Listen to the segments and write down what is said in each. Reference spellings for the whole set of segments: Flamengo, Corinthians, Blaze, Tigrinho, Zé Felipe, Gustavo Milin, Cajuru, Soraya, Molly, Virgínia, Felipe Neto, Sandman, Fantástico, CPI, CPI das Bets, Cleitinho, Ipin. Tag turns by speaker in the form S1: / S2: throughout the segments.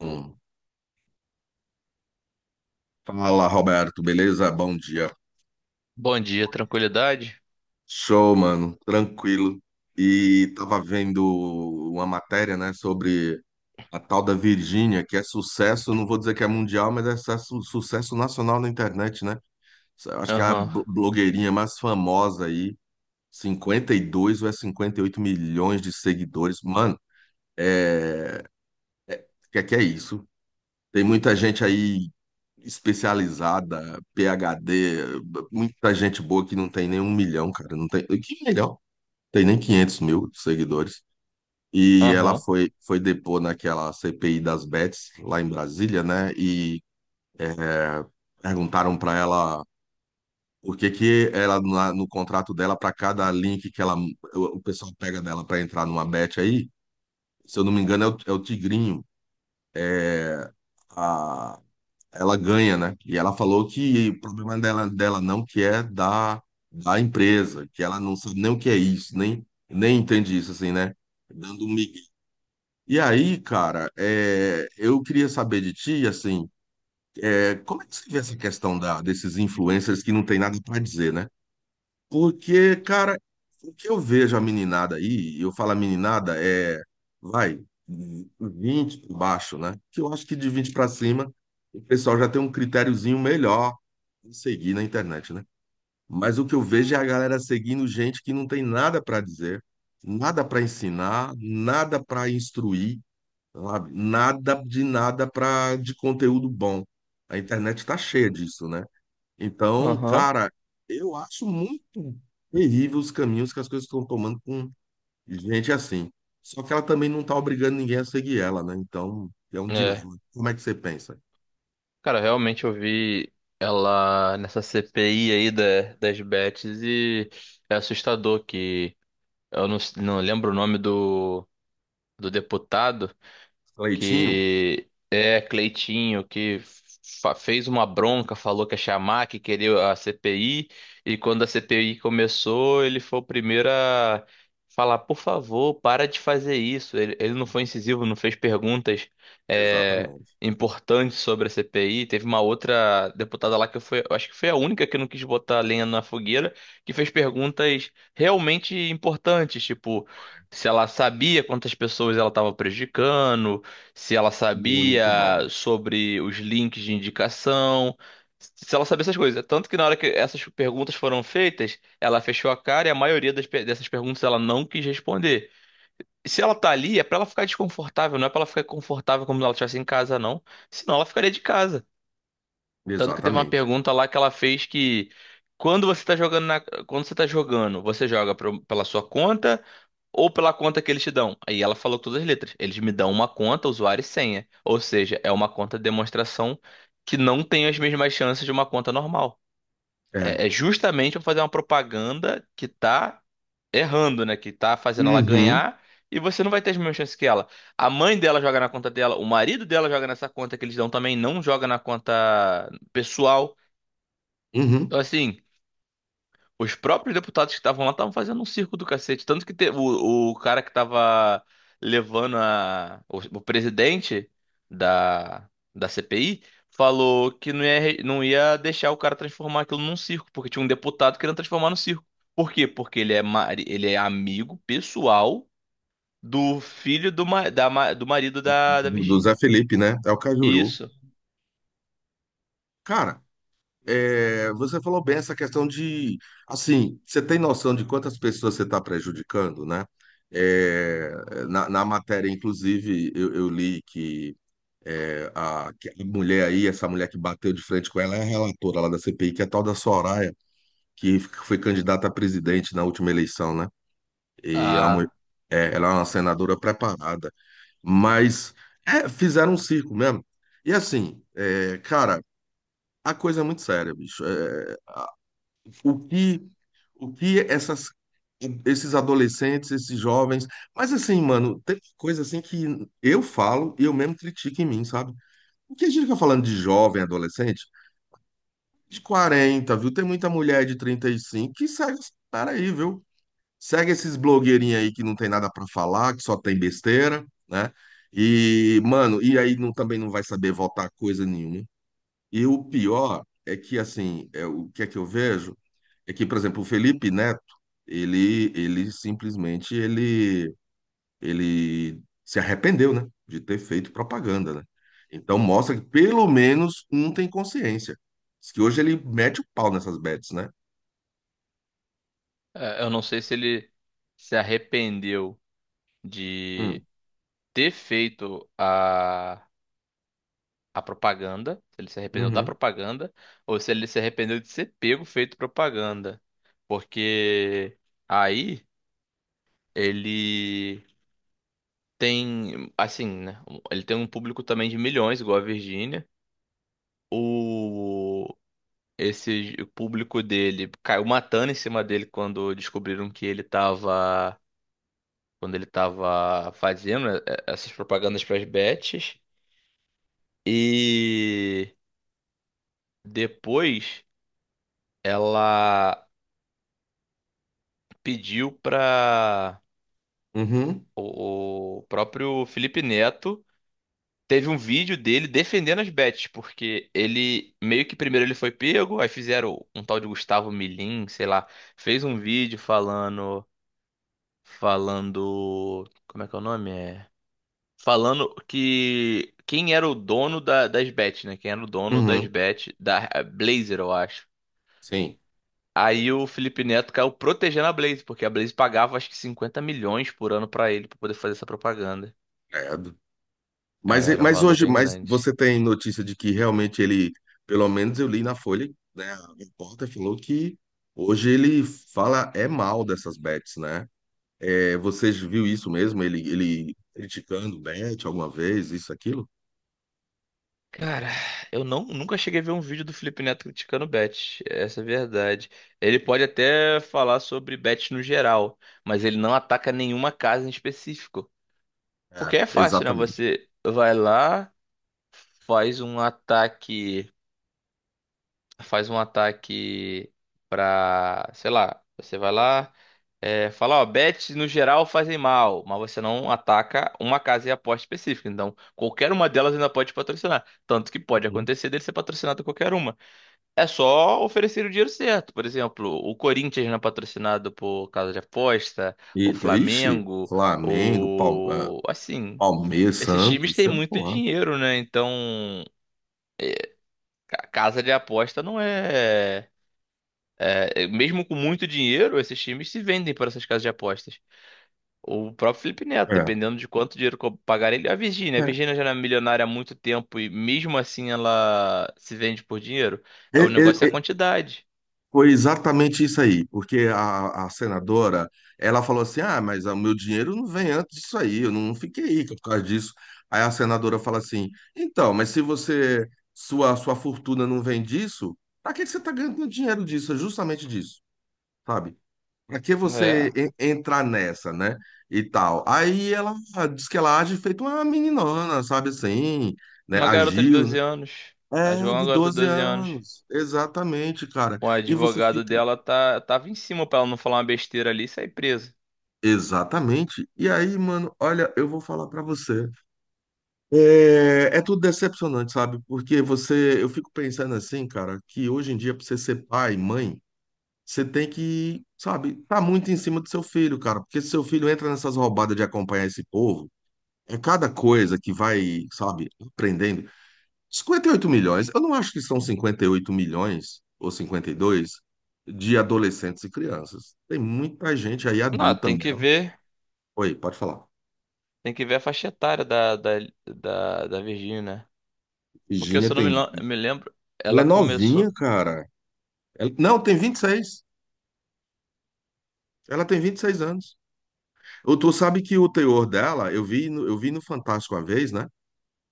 S1: Hum. Fala, Roberto, beleza? Bom dia.
S2: Bom dia, tranquilidade?
S1: Show, mano, tranquilo. E tava vendo uma matéria, né, sobre a tal da Virgínia, que é sucesso, não vou dizer que é mundial, mas é sucesso, sucesso nacional na internet, né? Eu acho que é a
S2: Aham,
S1: blogueirinha mais famosa aí, 52 ou é 58 milhões de seguidores. Mano, é, o que é isso? Tem muita gente aí especializada, PhD, muita gente boa que não tem nem um milhão, cara, não tem, que milhão? Tem nem 500 mil seguidores. E ela
S2: aham,
S1: foi depor naquela CPI das Bets, lá em Brasília, né? E é, perguntaram para ela por que que ela, no contrato dela, para cada link que ela, o pessoal pega dela para entrar numa bet aí, se eu não me engano, é o Tigrinho, a, ela ganha, né? E ela falou que o problema dela, dela não que é da empresa, que ela não sabe nem o que é isso, nem entende isso, assim, né? Dando um migué. E aí, cara, eu queria saber de ti, assim, como é que você vê essa questão desses influencers que não tem nada para dizer, né? Porque, cara, o que eu vejo a meninada aí, e eu falo a meninada, vai, 20 por baixo, né? Que eu acho que de 20 para cima, o pessoal já tem um critériozinho melhor de seguir na internet, né? Mas o que eu vejo é a galera seguindo gente que não tem nada para dizer, nada para ensinar, nada para instruir, sabe? Nada de nada para de conteúdo bom. A internet está cheia disso, né? Então,
S2: aham.
S1: cara, eu acho muito terrível os caminhos que as coisas estão tomando com gente assim. Só que ela também não está obrigando ninguém a seguir ela, né? Então, é um
S2: É,
S1: dilema. Como é que você pensa?
S2: cara, realmente eu vi ela nessa CPI aí das bets e é assustador que eu não, não lembro o nome do deputado,
S1: Leitinho?
S2: que é Cleitinho, que fez uma bronca, falou que ia chamar, que queria a CPI, e quando a CPI começou, ele foi o primeiro a falar, por favor, para de fazer isso. Ele não foi incisivo, não fez perguntas é,
S1: Exatamente.
S2: importantes sobre a CPI. Teve uma outra deputada lá que foi, eu acho que foi a única que não quis botar lenha na fogueira, que fez perguntas realmente importantes, tipo se ela sabia quantas pessoas ela estava prejudicando, se ela sabia
S1: Muito bom.
S2: sobre os links de indicação, se ela sabia essas coisas. Tanto que na hora que essas perguntas foram feitas, ela fechou a cara e a maioria dessas perguntas ela não quis responder. E se ela tá ali, é pra ela ficar desconfortável, não é pra ela ficar confortável como se ela estivesse em casa, não. Senão ela ficaria de casa. Tanto que teve uma
S1: Exatamente.
S2: pergunta lá que ela fez que quando você tá jogando, você joga pela sua conta ou pela conta que eles te dão. Aí ela falou todas as letras. Eles me dão uma conta, usuário e senha. Ou seja, é uma conta de demonstração que não tem as mesmas chances de uma conta normal.
S1: É.
S2: É justamente para fazer uma propaganda que tá errando, né? Que tá fazendo ela
S1: Uhum,
S2: ganhar e você não vai ter as mesmas chances que ela. A mãe dela joga na conta dela, o marido dela joga nessa conta que eles dão também, não joga na conta pessoal.
S1: uhum.
S2: Então, assim. Os próprios deputados que estavam lá estavam fazendo um circo do cacete. Tanto que o cara que estava levando o presidente da CPI falou que não ia deixar o cara transformar aquilo num circo, porque tinha um deputado querendo transformar no circo. Por quê? Porque ele é amigo pessoal do filho do marido da
S1: Do Zé
S2: Virgínia.
S1: Felipe, né? É o Cajuru.
S2: Isso.
S1: Cara, é, você falou bem essa questão de, assim, você tem noção de quantas pessoas você está prejudicando, né? É, na matéria, inclusive, eu li que, que a mulher aí, essa mulher que bateu de frente com ela, é a relatora lá da CPI, que é a tal da Soraya, que foi candidata a presidente na última eleição, né? E é uma mulher-
S2: Ah,
S1: é, ela é uma senadora preparada, mas é, fizeram um circo mesmo. E assim, é, cara, a coisa é muito séria, bicho. É, o que o que esses adolescentes, esses jovens. Mas assim, mano, tem coisa assim que eu falo e eu mesmo critico em mim, sabe? O que a gente fica falando de jovem, adolescente, de 40 viu? Tem muita mulher de 35 que segue esse cara aí, viu? Segue esses blogueirinhos aí que não tem nada pra falar, que só tem besteira, né? E, mano, e aí não, também não vai saber votar coisa nenhuma. E o pior é que, assim, é, o que é que eu vejo? É que, por exemplo, o Felipe Neto, ele simplesmente ele se arrependeu, né, de ter feito propaganda, né? Então mostra que pelo menos um tem consciência. Diz que hoje ele mete o pau nessas bets, né?
S2: é, eu não sei se ele se arrependeu
S1: Hum,
S2: de ter feito a propaganda, se ele se arrependeu da
S1: uhum,
S2: propaganda, ou se ele se arrependeu de ser pego feito propaganda. Porque aí ele tem, assim, né? Ele tem um público também de milhões, igual a Virgínia. O, esse público dele caiu matando em cima dele quando descobriram que ele tava. Quando ele tava fazendo essas propagandas para as bets. E depois ela pediu para
S1: uhum,
S2: o próprio Felipe Neto. Teve um vídeo dele defendendo as bets, porque ele meio que primeiro ele foi pego, aí fizeram um tal de Gustavo Milin, sei lá, fez um vídeo falando, como é que é o nome? É, falando que quem era o dono das bets, né? Quem era o dono das
S1: uhum,
S2: bets da Blazer, eu acho.
S1: sim.
S2: Aí o Felipe Neto caiu protegendo a Blaze, porque a Blaze pagava acho que 50 milhões por ano pra ele pra poder fazer essa propaganda.
S1: É.
S2: É,
S1: Mas,
S2: era um
S1: mas
S2: valor
S1: hoje,
S2: bem
S1: mas
S2: grande.
S1: você tem notícia de que realmente ele, pelo menos eu li na Folha, né, a repórter falou que hoje ele fala é mal dessas bets, né? É, vocês viu isso mesmo? Ele criticando o Bet alguma vez, isso, aquilo?
S2: Cara, eu não, nunca cheguei a ver um vídeo do Felipe Neto criticando bet, essa é a verdade. Ele pode até falar sobre bet no geral, mas ele não ataca nenhuma casa em específico.
S1: É,
S2: Porque é fácil, né?
S1: exatamente.
S2: Você vai lá, faz um ataque faz um ataque pra, sei lá, você vai lá, fala, ó, bets no geral fazem mal, mas você não ataca uma casa e aposta específica. Então, qualquer uma delas ainda pode te patrocinar. Tanto que pode
S1: Uhum.
S2: acontecer dele ser patrocinado por qualquer uma. É só oferecer o dinheiro certo. Por exemplo, o Corinthians não é patrocinado por casa de aposta,
S1: E,
S2: o
S1: então, ixi,
S2: Flamengo.
S1: Flamengo,
S2: Assim,
S1: Palmeiras,
S2: esses times
S1: Santos,
S2: têm
S1: sei
S2: muito
S1: lá.
S2: dinheiro, né? Então, casa de aposta não é. É, mesmo com muito dinheiro, esses times se vendem por essas casas de apostas. O próprio Felipe Neto,
S1: É,
S2: dependendo de quanto dinheiro pagar ele, a Virgínia. A
S1: é.
S2: Virgínia já era milionária há muito tempo e mesmo assim ela se vende por dinheiro.
S1: É,
S2: É, o
S1: é,
S2: negócio é a
S1: é,
S2: quantidade.
S1: foi exatamente isso aí, porque a senadora, ela falou assim, ah, mas o meu dinheiro não vem antes disso aí, eu não fiquei rica por causa disso. Aí a senadora fala assim, então, mas se você, sua fortuna não vem disso, pra que que você tá ganhando dinheiro disso? É justamente disso, sabe? Pra que
S2: É.
S1: você entrar nessa, né? E tal. Aí ela diz que ela age feito uma meninona, sabe assim, né?
S2: Uma garota de
S1: Agiu, né?
S2: 12 anos. Ela
S1: É,
S2: jogou uma
S1: de
S2: garota de
S1: 12
S2: 12 anos.
S1: anos. Exatamente, cara.
S2: O
S1: E você
S2: advogado
S1: fica.
S2: dela tava em cima pra ela não falar uma besteira ali e sair presa.
S1: Exatamente. E aí, mano, olha, eu vou falar pra você. É, é tudo decepcionante, sabe? Porque você. Eu fico pensando assim, cara, que hoje em dia, pra você ser pai, mãe, você tem que, sabe, tá muito em cima do seu filho, cara. Porque se seu filho entra nessas roubadas de acompanhar esse povo, é cada coisa que vai, sabe, aprendendo. 58 milhões, eu não acho que são 58 milhões ou 52 de adolescentes e crianças. Tem muita gente aí
S2: Não,
S1: adulta
S2: tem que
S1: mesmo.
S2: ver.
S1: Oi, pode falar.
S2: Tem que ver a faixa etária da Virgínia. Porque
S1: Virginia
S2: se eu não
S1: tem.
S2: me lembro,
S1: Ela é
S2: ela
S1: novinha,
S2: começou.
S1: cara. Não, tem 26. Ela tem 26 anos. Ou tu sabe que o teor dela, eu vi no Fantástico uma vez, né?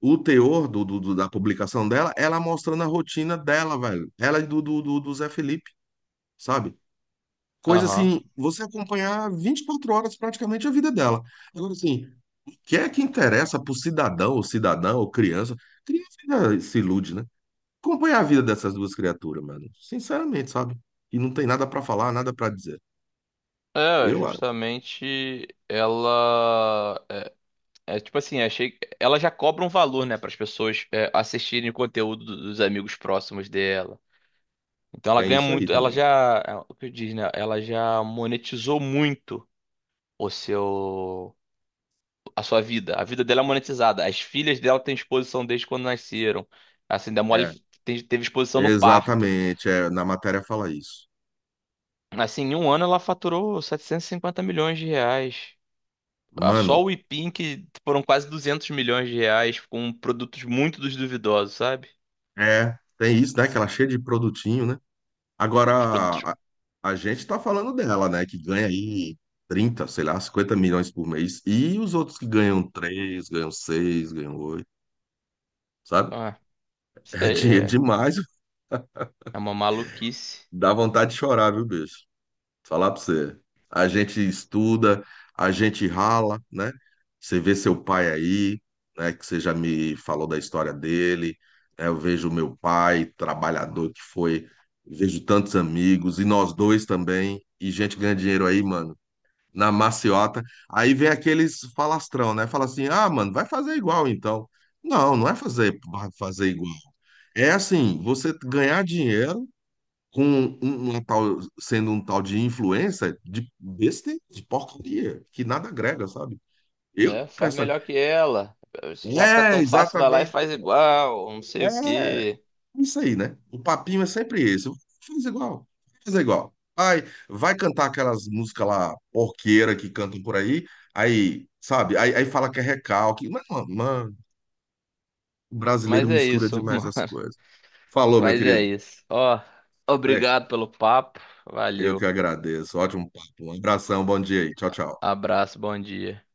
S1: O teor da publicação dela, ela mostrando a rotina dela, velho. Ela e do Zé Felipe, sabe? Coisa
S2: Aham.
S1: assim, você acompanhar 24 horas praticamente a vida dela. Agora, assim, o que é que interessa pro cidadão, ou cidadã, ou criança? Criança ainda se ilude, né? Acompanhar a vida dessas duas criaturas, mano. Sinceramente, sabe? E não tem nada pra falar, nada pra dizer.
S2: É,
S1: Eu, ah,
S2: justamente ela é tipo assim, achei ela já cobra um valor, né, para as pessoas assistirem o conteúdo dos amigos próximos dela. Então ela
S1: tem
S2: ganha
S1: isso aí
S2: muito, ela
S1: também.
S2: já, é, o que eu diz, né, ela já monetizou muito o seu a sua vida. A vida dela é monetizada. As filhas dela têm exposição desde quando nasceram. Assim, da Molly
S1: É,
S2: teve exposição no parto.
S1: exatamente. É, na matéria fala isso.
S2: Assim, em um ano ela faturou R$ 750 milhões. Ah, só
S1: Mano,
S2: o Ipin que foram quase R$ 200 milhões com produtos muito dos duvidosos, sabe?
S1: é, tem isso, né? Que ela é cheia de produtinho, né? Agora,
S2: Os produtos.
S1: a, a gente tá falando dela, né? Que ganha aí 30 sei lá, 50 milhões por mês. E os outros que ganham 3 ganham 6 ganham 8 sabe?
S2: Ah, isso
S1: É
S2: daí
S1: dinheiro
S2: é,
S1: demais.
S2: é uma maluquice,
S1: Dá vontade de chorar, viu, bicho? Falar pra você. A gente estuda, a gente rala, né? Você vê seu pai aí, né? Que você já me falou da história dele, né? Eu vejo meu pai, trabalhador que foi. Vejo tantos amigos, e nós dois também. E gente ganha dinheiro aí, mano, na maciota. Aí vem aqueles falastrão, né? Fala assim: ah, mano, vai fazer igual então. Não, fazer igual. É assim, você ganhar dinheiro com uma tal, sendo um tal de influencer de besta, de porcaria, que nada agrega, sabe? Eu,
S2: né? Faz
S1: essa,
S2: melhor que ela. Já que tá tão fácil, vai lá e
S1: exatamente.
S2: faz igual, não sei o
S1: É.
S2: quê.
S1: Isso aí, né? O papinho é sempre esse. Faz igual, faz igual. Vai, vai cantar aquelas músicas lá, porqueira que cantam por aí, aí, sabe? Aí fala que é recalque. Mas, mano, o brasileiro
S2: Mas é
S1: mistura
S2: isso,
S1: demais
S2: mano.
S1: as coisas. Falou, meu
S2: Mas é
S1: querido.
S2: isso. Ó,
S1: É,
S2: obrigado pelo papo.
S1: eu que
S2: Valeu.
S1: agradeço. Ótimo papo. Um abração, bom dia aí. Tchau, tchau.
S2: Abraço, bom dia.